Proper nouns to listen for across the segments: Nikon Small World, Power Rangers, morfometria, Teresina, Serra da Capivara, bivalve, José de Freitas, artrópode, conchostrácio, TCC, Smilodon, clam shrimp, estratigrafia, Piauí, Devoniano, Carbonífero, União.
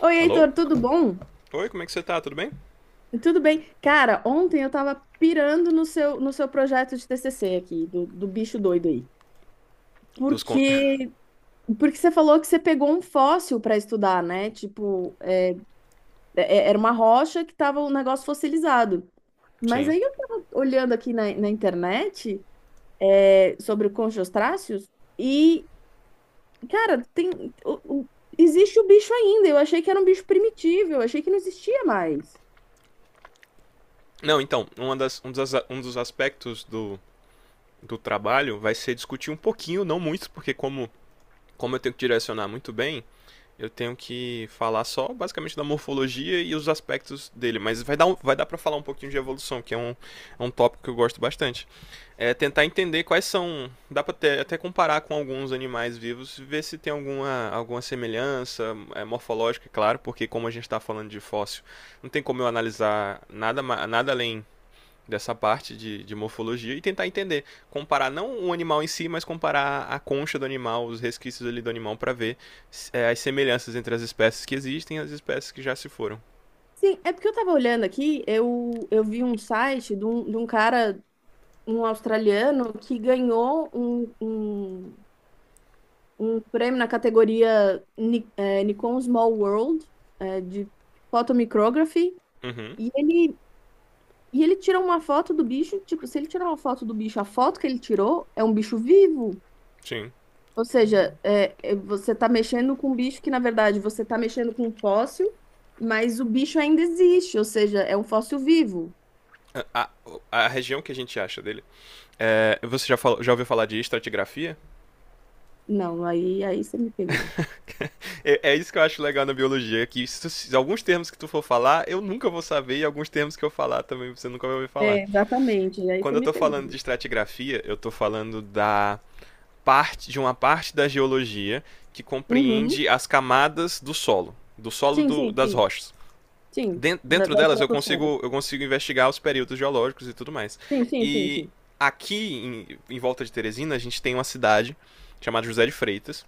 Oi, Alô? Heitor, tudo bom? Oi, como é que você tá? Tudo bem? Tudo bem? Cara, ontem eu tava pirando no seu projeto de TCC aqui, do bicho doido aí. Dos con... Porque, porque você falou que você pegou um fóssil para estudar, né? Tipo, era uma rocha que tava um negócio fossilizado. Mas Sim. aí eu tava olhando aqui na internet, sobre conchostráceos e, cara, tem, o- o- existe o bicho ainda. Eu achei que era um bicho primitivo, eu achei que não existia mais. Não, então, uma das, um dos aspectos do, do trabalho vai ser discutir um pouquinho, não muito, porque como, como eu tenho que direcionar muito bem, eu tenho que falar só basicamente da morfologia e os aspectos dele, mas vai dar, vai dar para falar um pouquinho de evolução, que é um tópico que eu gosto bastante. É tentar entender quais são, dá para até, até comparar com alguns animais vivos, ver se tem alguma, alguma semelhança morfológica, é claro, porque como a gente está falando de fóssil, não tem como eu analisar nada, nada além dessa parte de morfologia e tentar entender, comparar não o animal em si, mas comparar a concha do animal, os resquícios ali do animal para ver as semelhanças entre as espécies que existem e as espécies que já se foram. Sim, é porque eu tava olhando aqui, eu vi um site de um cara, um australiano, que ganhou um, um, um prêmio na categoria Nikon Small World, de photomicrography, Uhum. e ele, e ele tirou uma foto do bicho, tipo, se ele tirar uma foto do bicho, a foto que ele tirou é um bicho vivo. Sim. Ou seja, você tá mexendo com um bicho que, na verdade, você tá mexendo com um fóssil, mas o bicho ainda existe, ou seja, é um fóssil vivo. A, a região que a gente acha dele. É, você já, falou, já ouviu falar de estratigrafia? Não, aí você me pegou. É, é, isso que eu acho legal na biologia, que se, alguns termos que tu for falar, eu nunca vou saber, e alguns termos que eu falar também você nunca vai ouvir falar. É, exatamente, aí você Quando eu me tô falando de pegou. estratigrafia, eu tô falando da parte de uma parte da geologia que Uhum. compreende as camadas do solo, do solo Sim, do, sim, das sim, rochas. sim, da, Dentro da delas estratosfera. Eu consigo investigar os períodos geológicos e tudo mais. Sim, sim, sim, E sim. aqui, em, em volta de Teresina, a gente tem uma cidade chamada José de Freitas.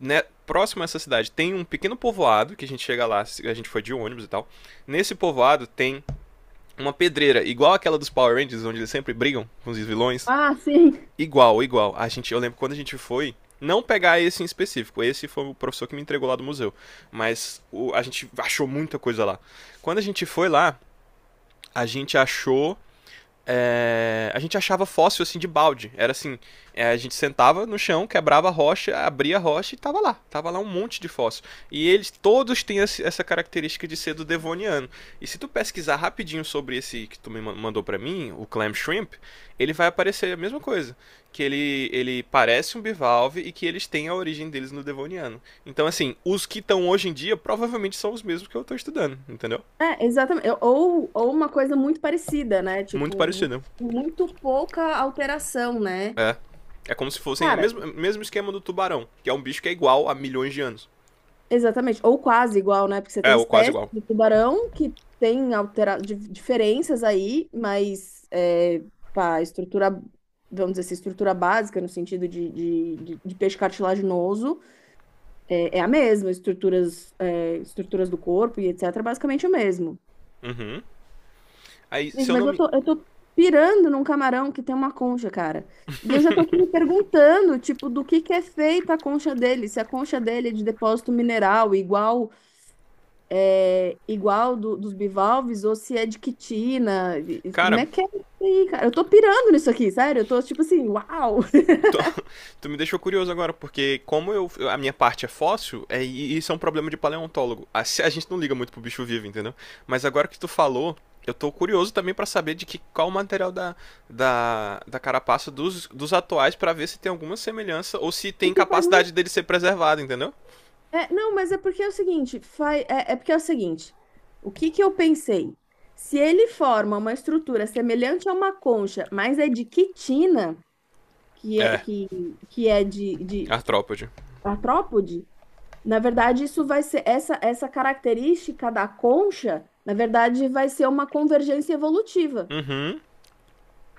Né, próximo a essa cidade tem um pequeno povoado, que a gente chega lá, a gente foi de ônibus e tal. Nesse povoado tem uma pedreira, igual aquela dos Power Rangers, onde eles sempre brigam com os vilões. Ah, sim. Igual, igual. A gente, eu lembro quando a gente foi, não pegar esse em específico. Esse foi o professor que me entregou lá do museu. Mas a gente achou muita coisa lá. Quando a gente foi lá, a gente achou a gente achava fóssil assim de balde. Era assim, a gente sentava no chão, quebrava a rocha, abria a rocha e tava lá. Tava lá um monte de fóssil. E eles todos têm essa característica de ser do Devoniano. E se tu pesquisar rapidinho sobre esse que tu me mandou para mim, o clam shrimp, ele vai aparecer a mesma coisa. Que ele parece um bivalve e que eles têm a origem deles no Devoniano. Então, assim, os que estão hoje em dia provavelmente são os mesmos que eu tô estudando, entendeu? É, exatamente. Ou uma coisa muito parecida, né? Muito Tipo, parecido. muito pouca alteração, né? É. É como se fossem o Cara, mesmo, mesmo esquema do tubarão, que é um bicho que é igual há milhões de anos. exatamente, ou quase igual, né? Porque você É, tem ou quase espécies igual. de tubarão que tem altera... diferenças aí, mas é, pá, estrutura, vamos dizer assim, estrutura básica no sentido de peixe cartilaginoso é, é a mesma, estruturas, é, estruturas do corpo e etc. é basicamente o mesmo. Aí, se Gente, eu mas não eu me. tô, eu tô pirando num camarão que tem uma concha, cara. E eu já tô aqui me perguntando, tipo, do que é feita a concha dele, se a concha dele é de depósito mineral, igual. É, igual dos bivalves ou se é de quitina. Como Cara, é que é isso aí, cara? Eu tô pirando nisso aqui, sério. Eu tô tipo assim, uau! tu, tu me deixou curioso agora, porque como eu a minha parte é fóssil, isso é um problema de paleontólogo. A gente não liga muito pro bicho vivo, entendeu? Mas agora que tu falou, eu tô curioso também para saber de que qual o material da carapaça dos atuais para ver se tem alguma semelhança ou se tem Porque faz capacidade muito. dele ser preservado, entendeu? É, não, mas é porque é o seguinte, faz, é porque é o seguinte, o que que eu pensei? Se ele forma uma estrutura semelhante a uma concha, mas é de quitina, que é, É, que, que é de artrópode. artrópode, na verdade isso vai ser, essa característica da concha, na verdade vai ser uma convergência evolutiva.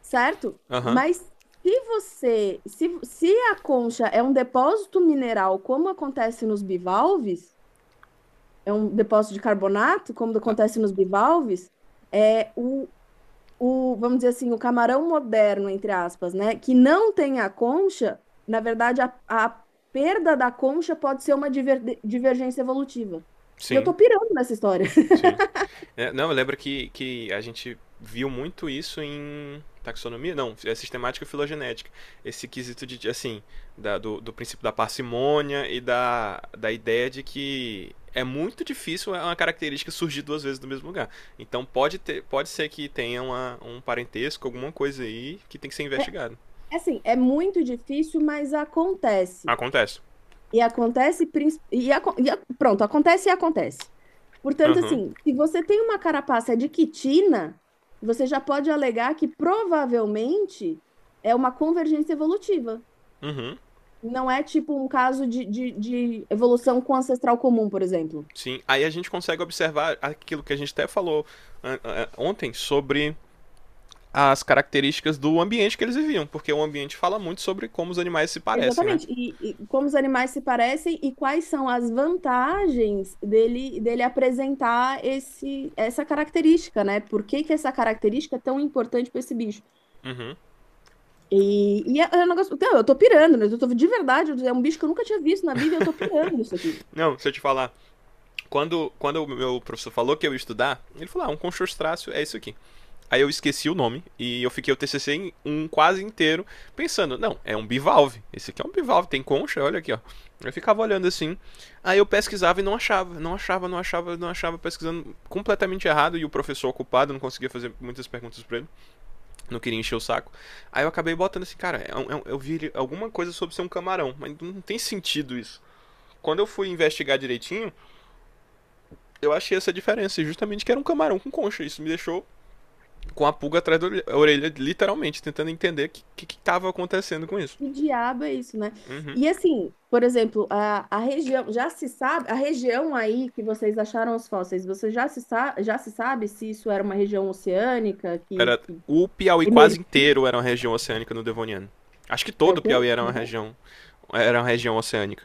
Certo? Aham, Mas se você, se a concha é um depósito mineral, como acontece nos bivalves, é um depósito de carbonato, como acontece nos bivalves, é o, vamos dizer assim, o camarão moderno, entre aspas, né? Que não tem a concha, na verdade, a perda da concha pode ser uma divergência evolutiva. E eu tô sim, pirando nessa história. sim. É, não, eu lembro que a gente viu muito isso em taxonomia, não, é sistemática e filogenética. Esse quesito de, assim, do, do princípio da parcimônia e da, da ideia de que é muito difícil é uma característica surgir duas vezes do mesmo lugar. Então pode, ter, pode ser que tenha uma, um parentesco, alguma coisa aí que tem que ser investigado. Assim, é muito difícil, mas acontece. Acontece. Pronto, acontece e acontece. Portanto, Aham, assim, se você tem uma carapaça de quitina, você já pode alegar que provavelmente é uma convergência evolutiva. uhum, uhum, Não é tipo um caso de evolução com ancestral comum, por exemplo. sim. Aí a gente consegue observar aquilo que a gente até falou ah, ah, ontem sobre as características do ambiente que eles viviam, porque o ambiente fala muito sobre como os animais se parecem, né? Exatamente. E como os animais se parecem e quais são as vantagens dele, dele apresentar essa característica, né? Por que que essa característica é tão importante para esse bicho? Uhum. É um negócio. Então eu tô pirando, né? Eu tô de verdade, é um bicho que eu nunca tinha visto na vida e eu tô pirando isso aqui. Não, deixa eu te falar. Quando, quando o meu professor falou que eu ia estudar, ele falou: ah, um conchostrácio é isso aqui. Aí eu esqueci o nome e eu fiquei o TCC em um quase inteiro pensando: não, é um bivalve. Esse aqui é um bivalve, tem concha, olha aqui, ó. Eu ficava olhando assim. Aí eu pesquisava e não achava, não achava, não achava, não achava, pesquisando completamente errado e o professor ocupado, não conseguia fazer muitas perguntas para ele. Não queria encher o saco. Aí eu acabei botando assim, cara, eu vi alguma coisa sobre ser um camarão, mas não tem sentido isso. Quando eu fui investigar direitinho, eu achei essa diferença, justamente que era um camarão com concha. Isso me deixou com a pulga atrás da orelha, literalmente, tentando entender o que, que acontecendo com isso. Que diabo é isso, né? Uhum. E assim, por exemplo, a região, já se sabe, a região aí que vocês acharam os fósseis, você já se, sa- já se sabe se isso era uma região oceânica Era que o Piauí quase emergiu? inteiro era uma região oceânica no Devoniano. Acho que É todo o o Piauí quê? Como é que é? Era uma região oceânica.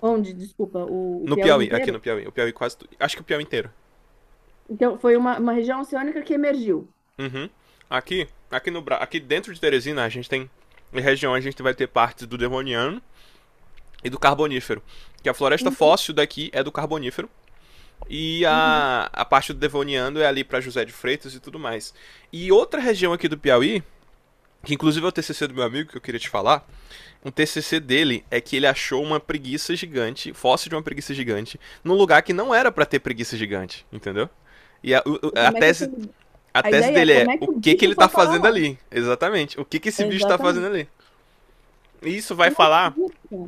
Onde? Desculpa, o No Piauí Piauí, aqui inteiro? no Piauí, o Piauí quase, acho que o Piauí inteiro. Então, foi uma região oceânica que emergiu. Uhum. Aqui, aqui no Bra- aqui dentro de Teresina a gente tem em região a gente vai ter partes do Devoniano e do Carbonífero, que a floresta Uhum, fóssil daqui é do Carbonífero e uhum. a parte do Devoniano é ali para José de Freitas e tudo mais. E outra região aqui do Piauí, que inclusive é o TCC do meu amigo que eu queria te falar, um TCC dele é que ele achou uma preguiça gigante, fóssil de uma preguiça gigante, num lugar que não era para ter preguiça gigante, entendeu? E a, o- a Como é que tese aquele... a A tese ideia é dele como é é o que o que que bicho ele foi tá parar fazendo lá. ali. Exatamente. O que que esse bicho tá fazendo Exatamente. ali. E isso Que vai falar, loucura.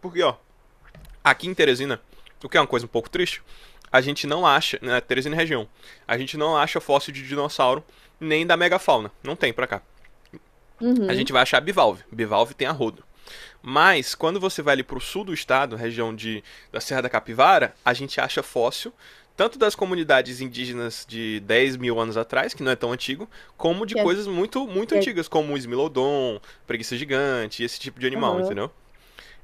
porque, ó, aqui em Teresina, o que é uma coisa um pouco triste, a gente não acha, né, Teresina e região, a gente não acha fóssil de dinossauro nem da megafauna. Não tem pra cá. A gente Uhum. vai achar bivalve. Bivalve tem a rodo. Mas quando você vai ali para o sul do estado, região de, da Serra da Capivara, a gente acha fóssil tanto das comunidades indígenas de 10.000 anos atrás, que não é tão antigo, como de Que é, coisas que muito muito é- antigas, como o Smilodon, preguiça gigante, esse tipo de animal, aham. entendeu?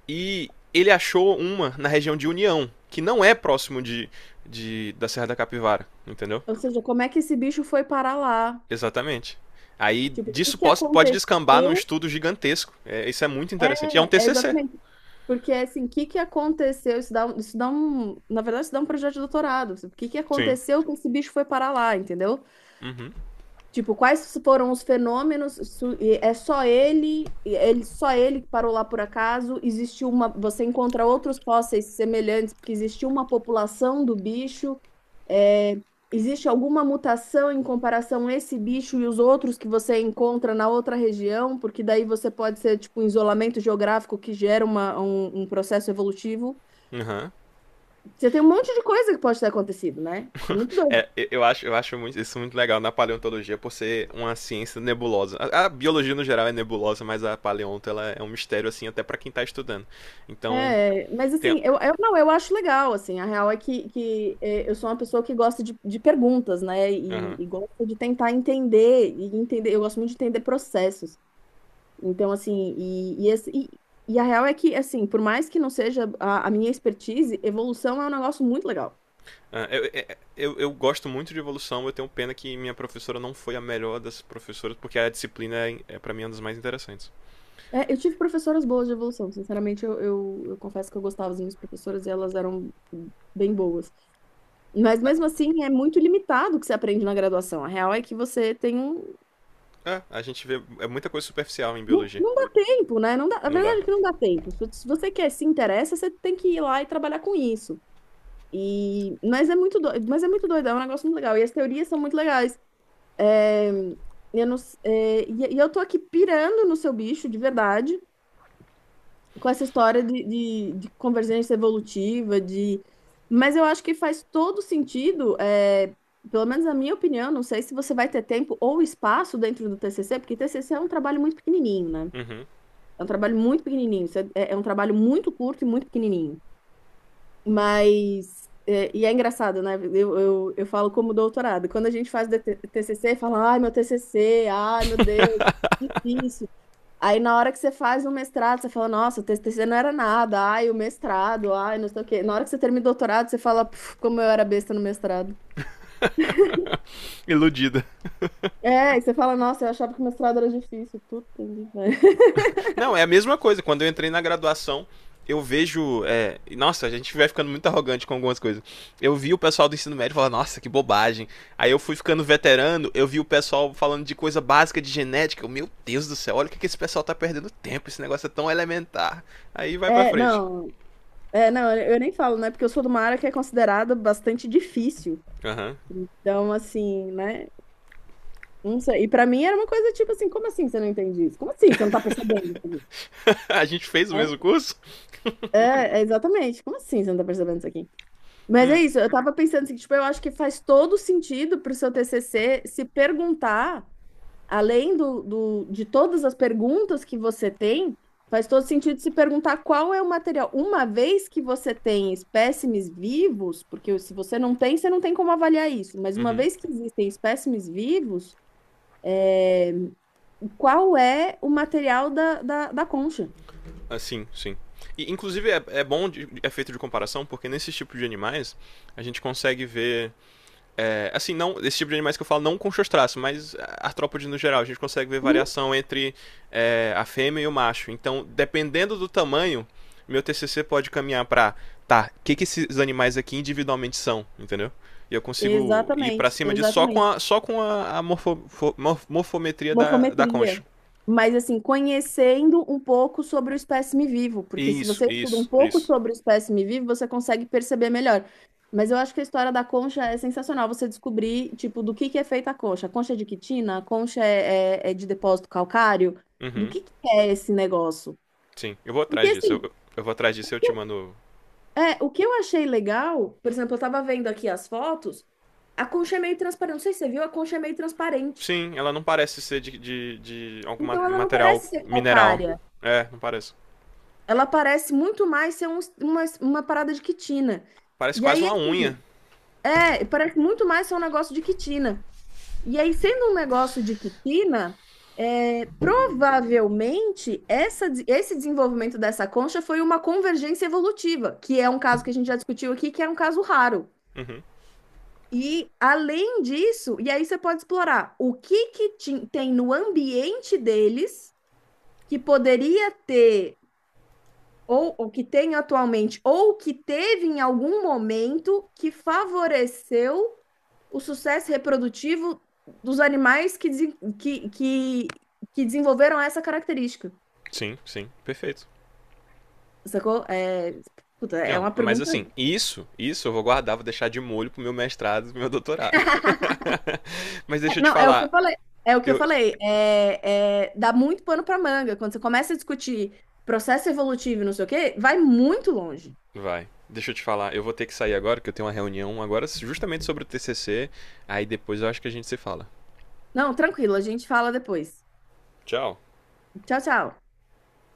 E ele achou uma na região de União, que não é próximo de da Serra da Capivara, entendeu? Ou seja, como é que esse bicho foi parar lá? Exatamente. Aí Tipo, o que disso que pode, pode descambar num aconteceu? estudo gigantesco. É, isso é muito interessante. E é um É, é TCC. exatamente. Porque, assim, o que que aconteceu? Isso dá um... Na verdade, isso dá um projeto de doutorado. Tipo, o que que Sim. aconteceu que esse bicho foi parar lá, entendeu? Tipo, quais foram os fenômenos? É só ele, só ele que parou lá por acaso? Existiu uma... Você encontra outros fósseis semelhantes, porque existiu uma população do bicho? É, existe alguma mutação em comparação a esse bicho e os outros que você encontra na outra região? Porque daí você pode ser tipo um isolamento geográfico que gera um processo evolutivo. Aham. Uhum. Você tem um monte de coisa que pode ter acontecido, né? É muito doido. Acho, eu acho isso muito legal na paleontologia por ser uma ciência nebulosa. A biologia no geral é nebulosa, mas a paleonto ela é um mistério assim até pra quem tá estudando. Então, É, mas tem, assim, eu não, eu acho legal, assim, a real é eu sou uma pessoa que gosta de perguntas, né? E, aham. e gosto de tentar entender, e entender, eu gosto muito de entender processos. Então, assim, e, e, esse- e- e a real é que, assim, por mais que não seja a minha expertise, evolução é um negócio muito legal. Ah, eu gosto muito de evolução, eu tenho pena que minha professora não foi a melhor das professoras, porque a disciplina é, é para mim é uma das mais interessantes. É, eu tive professoras boas de evolução, sinceramente, eu confesso que eu gostava das minhas professoras e elas eram bem boas. Mas mesmo assim, é muito limitado o que você aprende na graduação. A real é que você tem um. É, a gente vê muita coisa superficial em Não, biologia. não dá tempo, né? Não dá, a Não dá. verdade é que não dá tempo. Se você quer, se interessa, você tem que ir lá e trabalhar com isso. E, mas é muito doido, mas é muito doido, é um negócio muito legal. E as teorias são muito legais. É, eu não s- é, e eu tô aqui pirando no seu bicho, de verdade, com essa história de convergência evolutiva, de... Mas eu acho que faz todo sentido, é, pelo menos na minha opinião, não sei se você vai ter tempo ou espaço dentro do TCC, porque TCC é um trabalho muito pequenininho, né? Uhum. É um trabalho muito pequenininho, é é é um trabalho muito curto e muito pequenininho. Mas, é, e é engraçado, né? Eu falo como doutorado. Quando a gente faz DT TCC, fala, ai, meu TCC, ai, meu Deus, difícil. Aí, na hora que você faz um mestrado, você fala, nossa, o TCC não era nada, ai, o mestrado, ai, não sei o quê. Na hora que você termina o doutorado, você fala, "Puf, como eu era besta no mestrado. Iludida. É, e você fala, nossa, eu achava que o mestrado era difícil. Puta que pariu. Não, é a mesma coisa. Quando eu entrei na graduação, eu vejo. É... Nossa, a gente vai ficando muito arrogante com algumas coisas. Eu vi o pessoal do ensino médio falar, nossa, que bobagem. Aí eu fui ficando veterano, eu vi o pessoal falando de coisa básica de genética. Eu, Meu Deus do céu, olha o que, que esse pessoal tá perdendo tempo. Esse negócio é tão elementar. Aí vai pra É, frente. não, é, não, eu nem falo, né? Porque eu sou de uma área que é considerada bastante difícil. Aham. Uhum. Então, assim, né? Não sei. E pra mim era uma coisa tipo assim, como assim você não entende isso? Como assim você não tá percebendo isso aqui? a gente fez o Né? mesmo curso? É, é, exatamente. Como assim você não tá percebendo isso aqui? Mas é isso, eu tava pensando assim, que, tipo, eu acho que faz todo sentido pro seu TCC se perguntar, além de todas as perguntas que você tem, faz todo sentido se perguntar qual é o material. Uma vez que você tem espécimes vivos, porque se você não tem, você não tem como avaliar isso, mas uma Uhum. vez que existem espécimes vivos, qual é o material da concha. Assim, sim. E, inclusive, é bom de, é feito de comparação, porque nesse tipo de animais, a gente consegue ver não, esse tipo de animais que eu falo não com seus traços, mas artrópodes no geral, a gente consegue ver Uhum. variação entre a fêmea e o macho. Então, dependendo do tamanho, meu TCC pode caminhar para tá, o que, que esses animais aqui individualmente são, entendeu? E eu consigo ir para Exatamente, cima disso só com exatamente. A morfometria da, da concha. Morfometria. Mas, assim, conhecendo um pouco sobre o espécime vivo, porque se Isso, você estuda um isso, pouco isso. sobre o espécime vivo, você consegue perceber melhor. Mas eu acho que a história da concha é sensacional você descobrir, tipo, do que é feita a concha. A concha é de quitina? A concha é, é de depósito calcário? Do Uhum, que é esse negócio? sim, eu vou Porque, atrás disso. assim, Eu vou atrás disso e eu te mando é, o que eu achei legal, por exemplo, eu tava vendo aqui as fotos, a concha é meio transparente. Não sei se você viu, a concha é meio transparente. Sim, ela não parece ser de algum Então ela não material parece ser mineral. calcária. É, não parece. Ela parece muito mais ser uma parada de quitina. Parece E quase aí, uma unha. assim, é, parece muito mais ser um negócio de quitina. E aí, sendo um negócio de quitina, é, provavelmente esse desenvolvimento dessa concha foi uma convergência evolutiva, que é um caso que a gente já discutiu aqui, que é um caso raro. Uhum. E além disso, e aí você pode explorar o que que tem no ambiente deles que poderia ter ou o que tem atualmente ou que teve em algum momento que favoreceu o sucesso reprodutivo dos animais que desenvolveram essa característica. Sim, sim, perfeito. Sacou? É, puta, E, é ó, uma mas pergunta. assim, isso eu vou guardar, vou deixar de molho pro meu mestrado, pro meu doutorado. mas deixa eu te Não, é o que eu falar, falei. É o que eu eu... falei. Dá muito pano para manga. Quando você começa a discutir processo evolutivo e não sei o quê, vai muito longe. Vai, deixa eu te falar, eu vou ter que sair agora, que eu tenho uma reunião agora justamente sobre o TCC, aí depois eu acho que a gente se fala. Não, tranquilo, a gente fala depois. Tchau. Tchau, tchau.